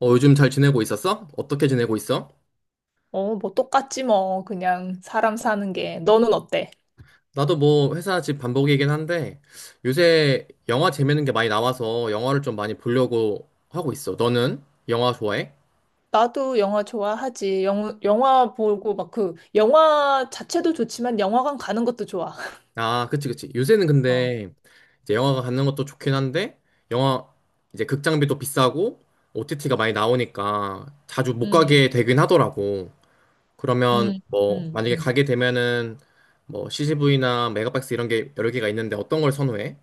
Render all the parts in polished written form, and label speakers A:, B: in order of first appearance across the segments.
A: 요즘 잘 지내고 있었어? 어떻게 지내고 있어?
B: 어, 뭐 똑같지 뭐. 그냥 사람 사는 게. 너는 어때?
A: 나도 뭐 회사 집 반복이긴 한데 요새 영화 재밌는 게 많이 나와서 영화를 좀 많이 보려고 하고 있어. 너는 영화 좋아해?
B: 나도 영화 좋아하지. 영, 영화 보고 막 그 영화 자체도 좋지만 영화관 가는 것도 좋아.
A: 아, 그치, 그치. 요새는
B: 어.
A: 근데 이제 영화가 갖는 것도 좋긴 한데 영화 이제 극장비도 비싸고 OTT가 많이 나오니까 자주 못
B: 음.
A: 가게 되긴 하더라고. 그러면
B: 음.
A: 뭐
B: 음.
A: 만약에
B: 음.
A: 가게 되면은 뭐 CGV나 메가박스 이런 게 여러 개가 있는데 어떤 걸 선호해?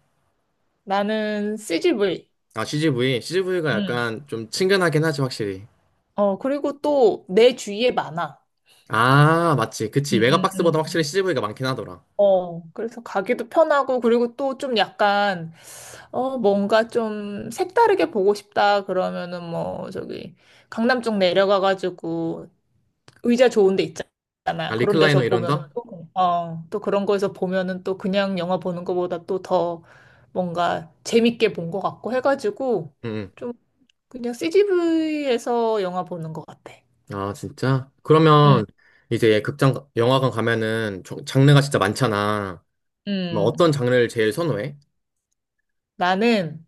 B: 나는 CGV.
A: 아, CGV. CGV가
B: 음.
A: 약간 좀 친근하긴 하지, 확실히.
B: 어, 그리고 또 내 주위에 많아.
A: 아, 맞지.
B: 음,
A: 그치.
B: 음,
A: 메가박스보다
B: 음,
A: 확실히
B: 음.
A: CGV가 많긴 하더라.
B: 어, 그래서 가기도 편하고, 그리고 또 좀 약간, 어, 뭔가 좀 색다르게 보고 싶다, 그러면은 뭐, 저기, 강남 쪽 내려가가지고, 의자 좋은 데
A: 아,
B: 있잖아. 그런
A: 리클라이너
B: 데서 보면은
A: 이런다?
B: 또, 어, 또 그런 거에서 보면은 또 그냥 영화 보는 거보다 또 더 뭔가 재밌게 본 것 같고 해가지고
A: 응.
B: 좀 그냥 CGV에서 영화 보는 것 같아.
A: 응. 아, 진짜?
B: 음,
A: 그러면 이제 극장, 영화관 가면은 장르가 진짜 많잖아. 뭐 어떤
B: 음.
A: 장르를 제일 선호해?
B: 나는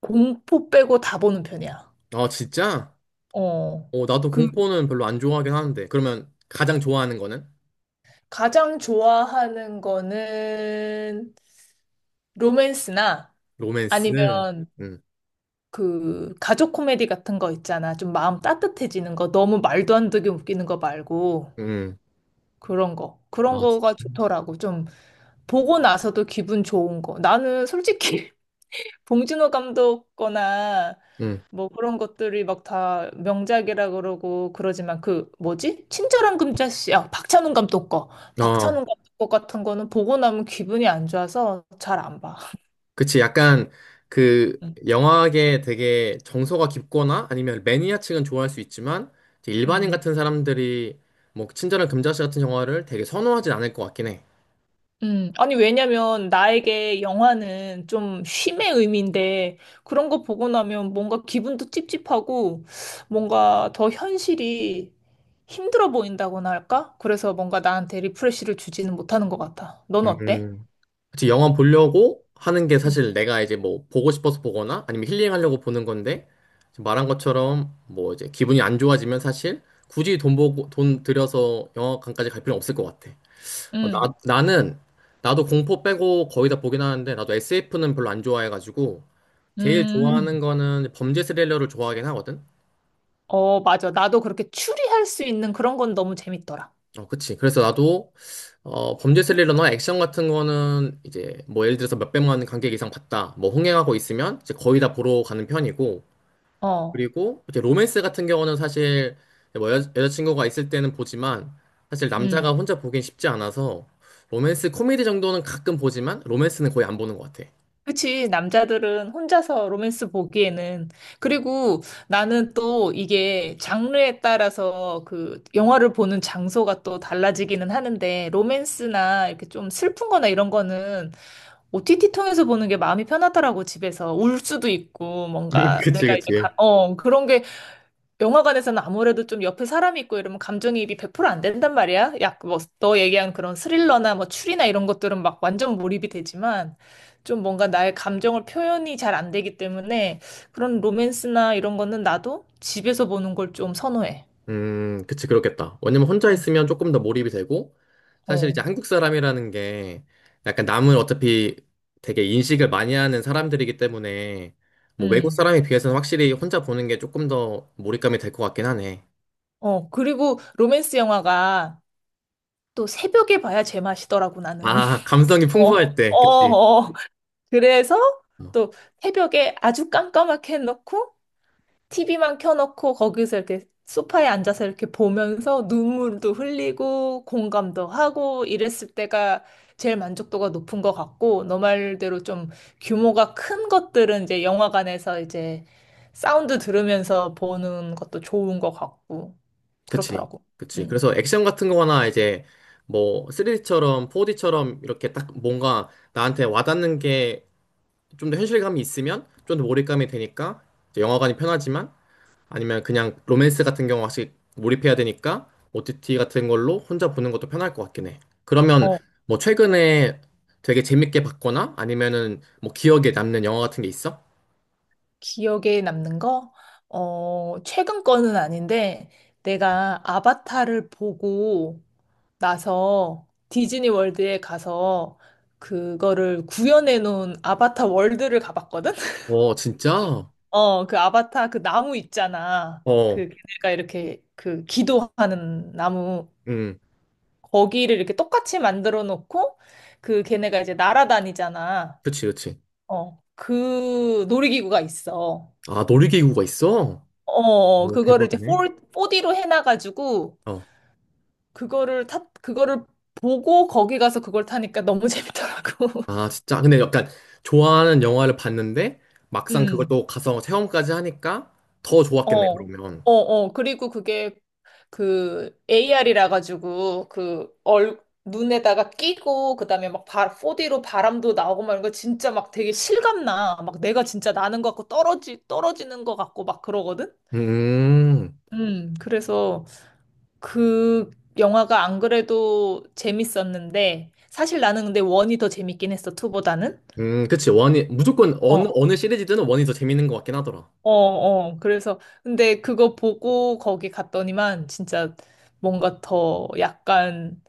B: 공포 빼고 다 보는 편이야.
A: 아, 진짜?
B: 어.
A: 나도
B: 그
A: 공포는 별로 안 좋아하긴 하는데. 그러면 가장 좋아하는 거는?
B: 가장 좋아하는 거는 로맨스나
A: 로맨스.
B: 아니면
A: 응.
B: 그 가족 코미디 같은 거 있잖아. 좀 마음 따뜻해지는 거. 너무 말도 안 되게 웃기는 거 말고
A: 응.
B: 그런 거. 그런
A: 아, 진-
B: 거가 좋더라고. 좀 보고 나서도 기분 좋은 거. 나는 솔직히 봉준호 감독 거나
A: 응.
B: 뭐 그런 것들이 막 다 명작이라 그러고 그러지만 그 뭐지? 친절한 금자씨. 아, 박찬욱 감독 거.
A: 어.
B: 박찬욱 감독 거 같은 거는 보고 나면 기분이 안 좋아서 잘 안 봐.
A: 그치, 약간 그
B: 응.
A: 영화계 되게 정서가 깊거나 아니면 매니아층은 좋아할 수 있지만 이제 일반인
B: 응.
A: 같은 사람들이 뭐 친절한 금자씨 같은 영화를 되게 선호하진 않을 것 같긴 해.
B: 아니, 왜냐면, 나에게 영화는 좀 쉼의 의미인데, 그런 거 보고 나면 뭔가 기분도 찝찝하고, 뭔가 더 현실이 힘들어 보인다고나 할까? 그래서 뭔가 나한테 리프레시를 주지는 못하는 것 같아. 넌 어때?
A: 음. 그치, 영화 보려고 하는 게
B: 음.
A: 사실 내가 이제 뭐 보고 싶어서 보거나 아니면 힐링하려고 보는 건데 지금 말한 것처럼 뭐 이제 기분이 안 좋아지면 사실 굳이 돈 들여서 영화관까지 갈 필요는 없을 것 같아. 어, 나,
B: 음,
A: 나는 나도 공포 빼고 거의 다 보긴 하는데 나도 SF는 별로 안 좋아해가지고 제일 좋아하는
B: 음,
A: 거는 범죄 스릴러를 좋아하긴 하거든.
B: 어, 맞아. 나도 그렇게 추리할 수 있는 그런 건 너무 재밌더라.
A: 어, 그치. 그래서 나도, 범죄 스릴러나 액션 같은 거는 이제 뭐 예를 들어서 몇백만 관객 이상 봤다. 뭐 흥행하고 있으면 이제 거의 다 보러 가는 편이고.
B: 어,
A: 그리고 이제 로맨스 같은 경우는 사실 뭐 여자친구가 있을 때는 보지만 사실 남자가 혼자 보긴 쉽지 않아서 로맨스 코미디 정도는 가끔 보지만 로맨스는 거의 안 보는 것 같아.
B: 그치, 남자들은 혼자서 로맨스 보기에는. 그리고 나는 또 이게 장르에 따라서 그 영화를 보는 장소가 또 달라지기는 하는데, 로맨스나 이렇게 좀 슬픈 거나 이런 거는 OTT 통해서 보는 게 마음이 편하더라고, 집에서. 울 수도 있고, 뭔가
A: 그치,
B: 내가 이제,
A: 그치.
B: 어, 그런 게 영화관에서는 아무래도 좀 옆에 사람이 있고 이러면 감정이입이 100% 안 된단 말이야. 약 뭐 너 얘기한 그런 스릴러나 뭐 추리나 이런 것들은 막 완전 몰입이 되지만 좀 뭔가 나의 감정을 표현이 잘 안 되기 때문에 그런 로맨스나 이런 거는 나도 집에서 보는 걸 좀 선호해.
A: 그치, 그렇겠다. 왜냐면 혼자
B: 음.
A: 있으면 조금 더 몰입이 되고, 사실 이제
B: 어.
A: 한국 사람이라는 게 약간 남을 어차피 되게 인식을 많이 하는 사람들이기 때문에, 뭐 외국
B: 음.
A: 사람에 비해서는 확실히 혼자 보는 게 조금 더 몰입감이 될 것 같긴 하네.
B: 어. 그리고 로맨스 영화가 또 새벽에 봐야 제맛이더라고 나는.
A: 아, 감성이
B: 어.
A: 풍부할
B: 어.
A: 때, 그치.
B: 어. 그래서
A: 어,
B: 또 새벽에 아주 깜깜하게 해놓고 TV만 켜놓고 거기서 이렇게 소파에 앉아서 이렇게 보면서 눈물도 흘리고 공감도 하고 이랬을 때가 제일 만족도가 높은 것 같고 너 말대로 좀 규모가 큰 것들은 이제 영화관에서 이제 사운드 들으면서 보는 것도 좋은 것 같고
A: 그치,
B: 그렇더라고.
A: 그치.
B: 음.
A: 그래서 액션 같은 거나 이제 뭐 3D처럼 4D처럼 이렇게 딱 뭔가 나한테 와닿는 게 좀 더 현실감이 있으면 좀 더 몰입감이 되니까 이제 영화관이 편하지만, 아니면 그냥 로맨스 같은 경우 확실히 몰입해야 되니까 OTT 같은 걸로 혼자 보는 것도 편할 것 같긴 해. 그러면
B: 어,
A: 뭐 최근에 되게 재밌게 봤거나 아니면은 뭐 기억에 남는 영화 같은 게 있어?
B: 기억에 남는 거? 어, 최근 거는 아닌데 내가 아바타를 보고 나서 디즈니 월드에 가서 그거를 구현해 놓은 아바타 월드를 가봤거든?
A: 어, 진짜?
B: 어, 그 아바타 그 나무 있잖아.
A: 어,
B: 그 걔네가 이렇게 그 기도하는 나무
A: 음,
B: 거기를 이렇게 똑같이 만들어 놓고 그 걔네가 이제 날아다니잖아.
A: 그치, 그치.
B: 어, 그 놀이기구가 있어.
A: 아, 놀이기구가 있어?
B: 어, 어, 어.
A: 오,
B: 그거를 이제
A: 대박이네.
B: 4D로 해놔가지고
A: 어.
B: 그거를 보고 거기 가서 그걸 타니까 너무 재밌더라고.
A: 아, 진짜? 근데 약간 좋아하는 영화를 봤는데 막상 그걸
B: 음.
A: 또 가서 체험까지 하니까 더
B: 어,
A: 좋았겠네,
B: 어,
A: 그러면.
B: 어. 그리고 그게 그 AR이라 가지고 그 눈에다가 끼고 그다음에 막 4D로 바람도 나오고 막 이런 거 진짜 막 되게 실감나. 막 내가 진짜 나는 것 같고 떨어지는 것 같고 막 그러거든?
A: 음.
B: 그래서 그 영화가 안 그래도 재밌었는데 사실 나는 근데 원이 더 재밌긴 했어, 투보다는.
A: 그치. 원이, 무조건
B: 어,
A: 어느,
B: 어.
A: 어느 시리즈든 원이 더 재밌는 것 같긴 하더라.
B: 어, 어. 그래서, 근데 그거 보고 거기 갔더니만 진짜 뭔가 더 약간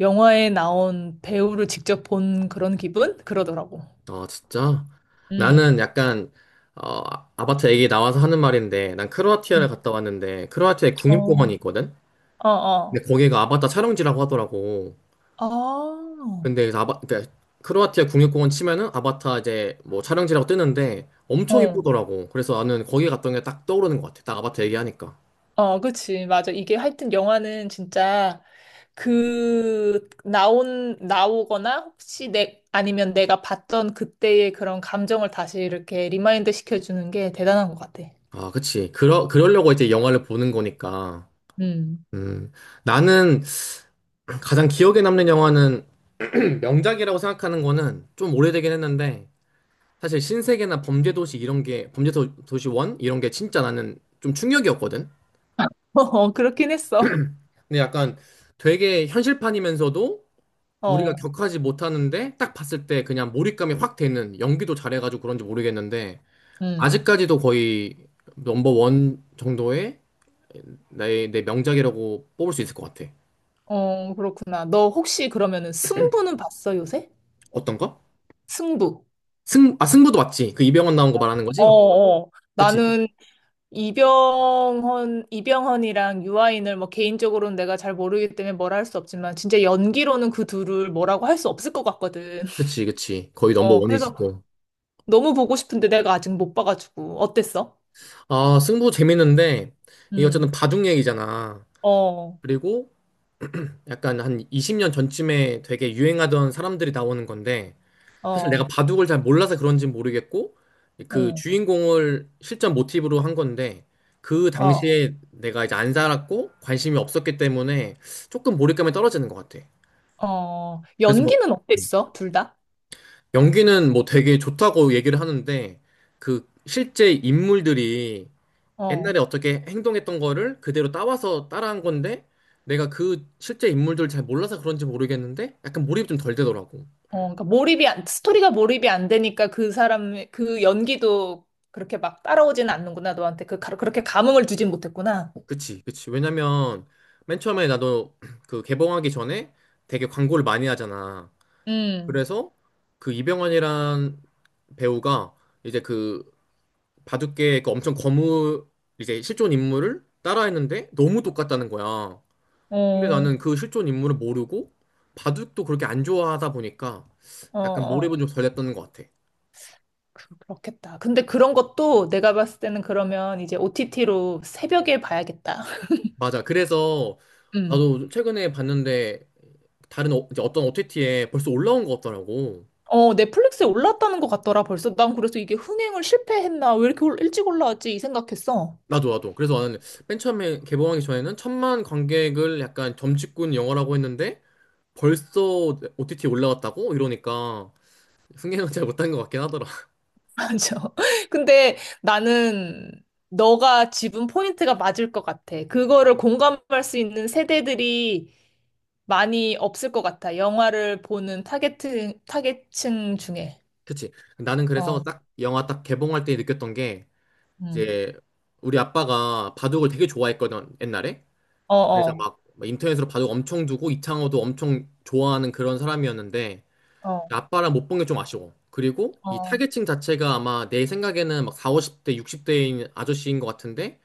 B: 영화에 나온 배우를 직접 본 그런 기분? 그러더라고.
A: 아, 진짜?
B: 음.
A: 나는 약간, 어, 아바타 얘기 나와서 하는 말인데, 난 크로아티아를
B: 음.
A: 갔다 왔는데, 크로아티아에
B: 어,
A: 국립공원이 있거든?
B: 어,
A: 근데
B: 어.
A: 거기가 아바타 촬영지라고 하더라고.
B: 아, 어,
A: 근데 그래서 그러니까 크로아티아 국립공원 치면은 아바타 이제 뭐 촬영지라고 뜨는데, 엄청 이쁘더라고. 그래서 나는 거기 갔던 게 딱 떠오르는 것 같아. 딱 아바타 얘기하니까.
B: 어, 그치. 맞아. 이게 하여튼 영화는 진짜 나오거나 혹시 아니면 내가 봤던 그때의 그런 감정을 다시 이렇게 리마인드 시켜주는 게 대단한 것 같아.
A: 아, 그치. 그러려고 이제 영화를 보는 거니까.
B: 음.
A: 음, 나는 가장 기억에 남는 영화는 명작이라고 생각하는 거는 좀 오래되긴 했는데 사실 신세계나 범죄도시 이런 게 범죄도시 원 이런 게 진짜 나는 좀 충격이었거든.
B: 어, 그렇긴 했어.
A: 근데 약간 되게 현실판이면서도 우리가
B: 어,
A: 격하지 못하는데 딱 봤을 때 그냥 몰입감이 확 되는 연기도 잘해가지고 그런지 모르겠는데
B: 음.
A: 아직까지도 거의 넘버 원 정도의 내 명작이라고 뽑을 수 있을 것 같아.
B: 어, 그렇구나. 너 혹시 그러면은 승부는 봤어, 요새?
A: 어떤 거?
B: 승부.
A: 승부도 맞지? 그 이병헌 나온 거 말하는
B: 어,
A: 거지?
B: 어.
A: 그치,
B: 나는 이병헌이랑 유아인을 뭐 개인적으로는 내가 잘 모르기 때문에 뭐라 할 수 없지만 진짜 연기로는 그 둘을 뭐라고 할 수 없을 것 같거든.
A: 그치, 그치. 거의 넘버
B: 어,
A: 원이지
B: 그래서
A: 또.
B: 너무 보고 싶은데 내가 아직 못 봐가지고. 어땠어?
A: 아, 승부 재밌는데, 이게 어쨌든
B: 음.
A: 바둑 얘기잖아.
B: 어,
A: 그리고 약간 한 20년 전쯤에 되게 유행하던 사람들이 나오는 건데, 사실 내가
B: 어,
A: 바둑을 잘 몰라서 그런지 모르겠고, 그
B: 응,
A: 주인공을 실전 모티브로 한 건데, 그
B: 어,
A: 당시에 내가 이제 안 살았고, 관심이 없었기 때문에 조금 몰입감이 떨어지는 것 같아.
B: 어.
A: 그래서 뭐
B: 연기는 어땠어? 둘 다?
A: 연기는 뭐 되게 좋다고 얘기를 하는데, 그 실제 인물들이 옛날에
B: 어.
A: 어떻게 행동했던 거를 그대로 따와서 따라한 건데 내가 그 실제 인물들 잘 몰라서 그런지 모르겠는데 약간 몰입이 좀 덜 되더라고.
B: 어, 그러니까 몰입이 안, 스토리가 몰입이 안 되니까 그 사람, 그 연기도 그렇게 막 따라오지는 않는구나, 너한테. 그렇게 감흥을 주진 못했구나.
A: 그치, 그치. 왜냐면 맨 처음에 나도 그 개봉하기 전에 되게 광고를 많이 하잖아.
B: 음,
A: 그래서 그 이병헌이란 배우가 이제 그 바둑계 그 엄청 거무 이제 실존 인물을 따라했는데 너무 똑같다는 거야. 근데 나는
B: 어,
A: 그 실존 인물을 모르고 바둑도 그렇게 안 좋아하다 보니까
B: 어,
A: 약간 몰입은
B: 어.
A: 좀 덜 했던 것 같아.
B: 그- 그렇겠다. 근데 그런 것도 내가 봤을 때는 그러면 이제 OTT로 새벽에 봐야겠다.
A: 맞아. 그래서
B: 음.
A: 나도 최근에 봤는데 다른 이제 어떤 OTT에 벌써 올라온 것 같더라고.
B: 어, 넷플릭스에 올랐다는 것 같더라, 벌써. 난 그래서 이게 흥행을 실패했나? 왜 이렇게 일찍 올라왔지? 이 생각했어.
A: 나도 나도. 그래서 나는 맨 처음에 개봉하기 전에는 천만 관객을 약간 점집꾼 영화라고 했는데 벌써 OTT에 올라왔다고 이러니까 승계는 잘 못한 것 같긴 하더라.
B: 맞아. 근데 나는 너가 짚은 포인트가 맞을 것 같아. 그거를 공감할 수 있는 세대들이 많이 없을 것 같아. 영화를 보는 타겟층 중에.
A: 그치. 나는 그래서
B: 어,
A: 딱 영화 딱 개봉할 때 느꼈던 게
B: 음.
A: 이제 우리 아빠가 바둑을 되게 좋아했거든 옛날에
B: 어,
A: 그래서
B: 어,
A: 막막 인터넷으로 바둑 엄청 두고 이창호도 엄청 좋아하는 그런 사람이었는데
B: 어,
A: 아빠랑 못 본 게 좀 아쉬워. 그리고 이
B: 어,
A: 타겟층 자체가 아마 내 생각에는 막 4, 50대 60대인 아저씨인 것 같은데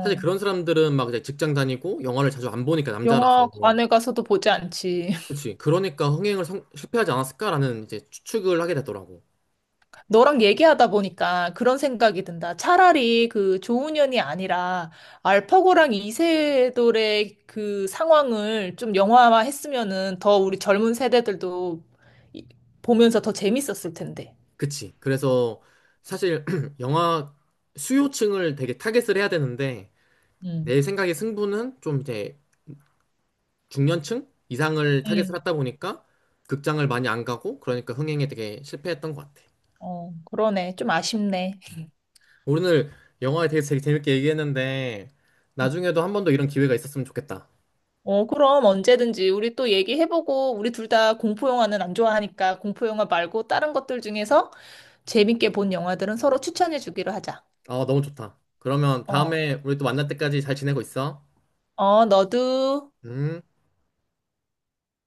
A: 사실 그런 사람들은 막 이제 직장 다니고 영화를 자주 안 보니까 남자라서 뭐
B: 영화관에 가서도 보지 않지.
A: 그치. 그러니까 흥행을 실패하지 않았을까라는 이제 추측을 하게 되더라고.
B: 너랑 얘기하다 보니까 그런 생각이 든다. 차라리 그 조훈현이 아니라 알파고랑 이세돌의 그 상황을 좀 영화화 했으면은 더 우리 젊은 세대들도 이- 보면서 더 재밌었을 텐데.
A: 그치. 그래서 사실 영화 수요층을 되게 타겟을 해야 되는데
B: 음.
A: 내 생각에 승부는 좀 이제 중년층 이상을 타겟을
B: 음.
A: 하다 보니까 극장을 많이 안 가고 그러니까 흥행에 되게 실패했던 것 같아.
B: 어, 그러네. 좀 아쉽네.
A: 오늘 영화에 대해서 되게 재밌게 얘기했는데 나중에도 한 번 더 이런 기회가 있었으면 좋겠다.
B: 어, 그럼 언제든지 우리 또 얘기해보고 우리 둘 다 공포 영화는 안 좋아하니까 공포 영화 말고 다른 것들 중에서 재밌게 본 영화들은 서로 추천해주기로 하자.
A: 아, 너무 좋다. 그러면
B: 어.
A: 다음에 우리 또 만날 때까지 잘 지내고 있어.
B: 어, 너도.
A: 음.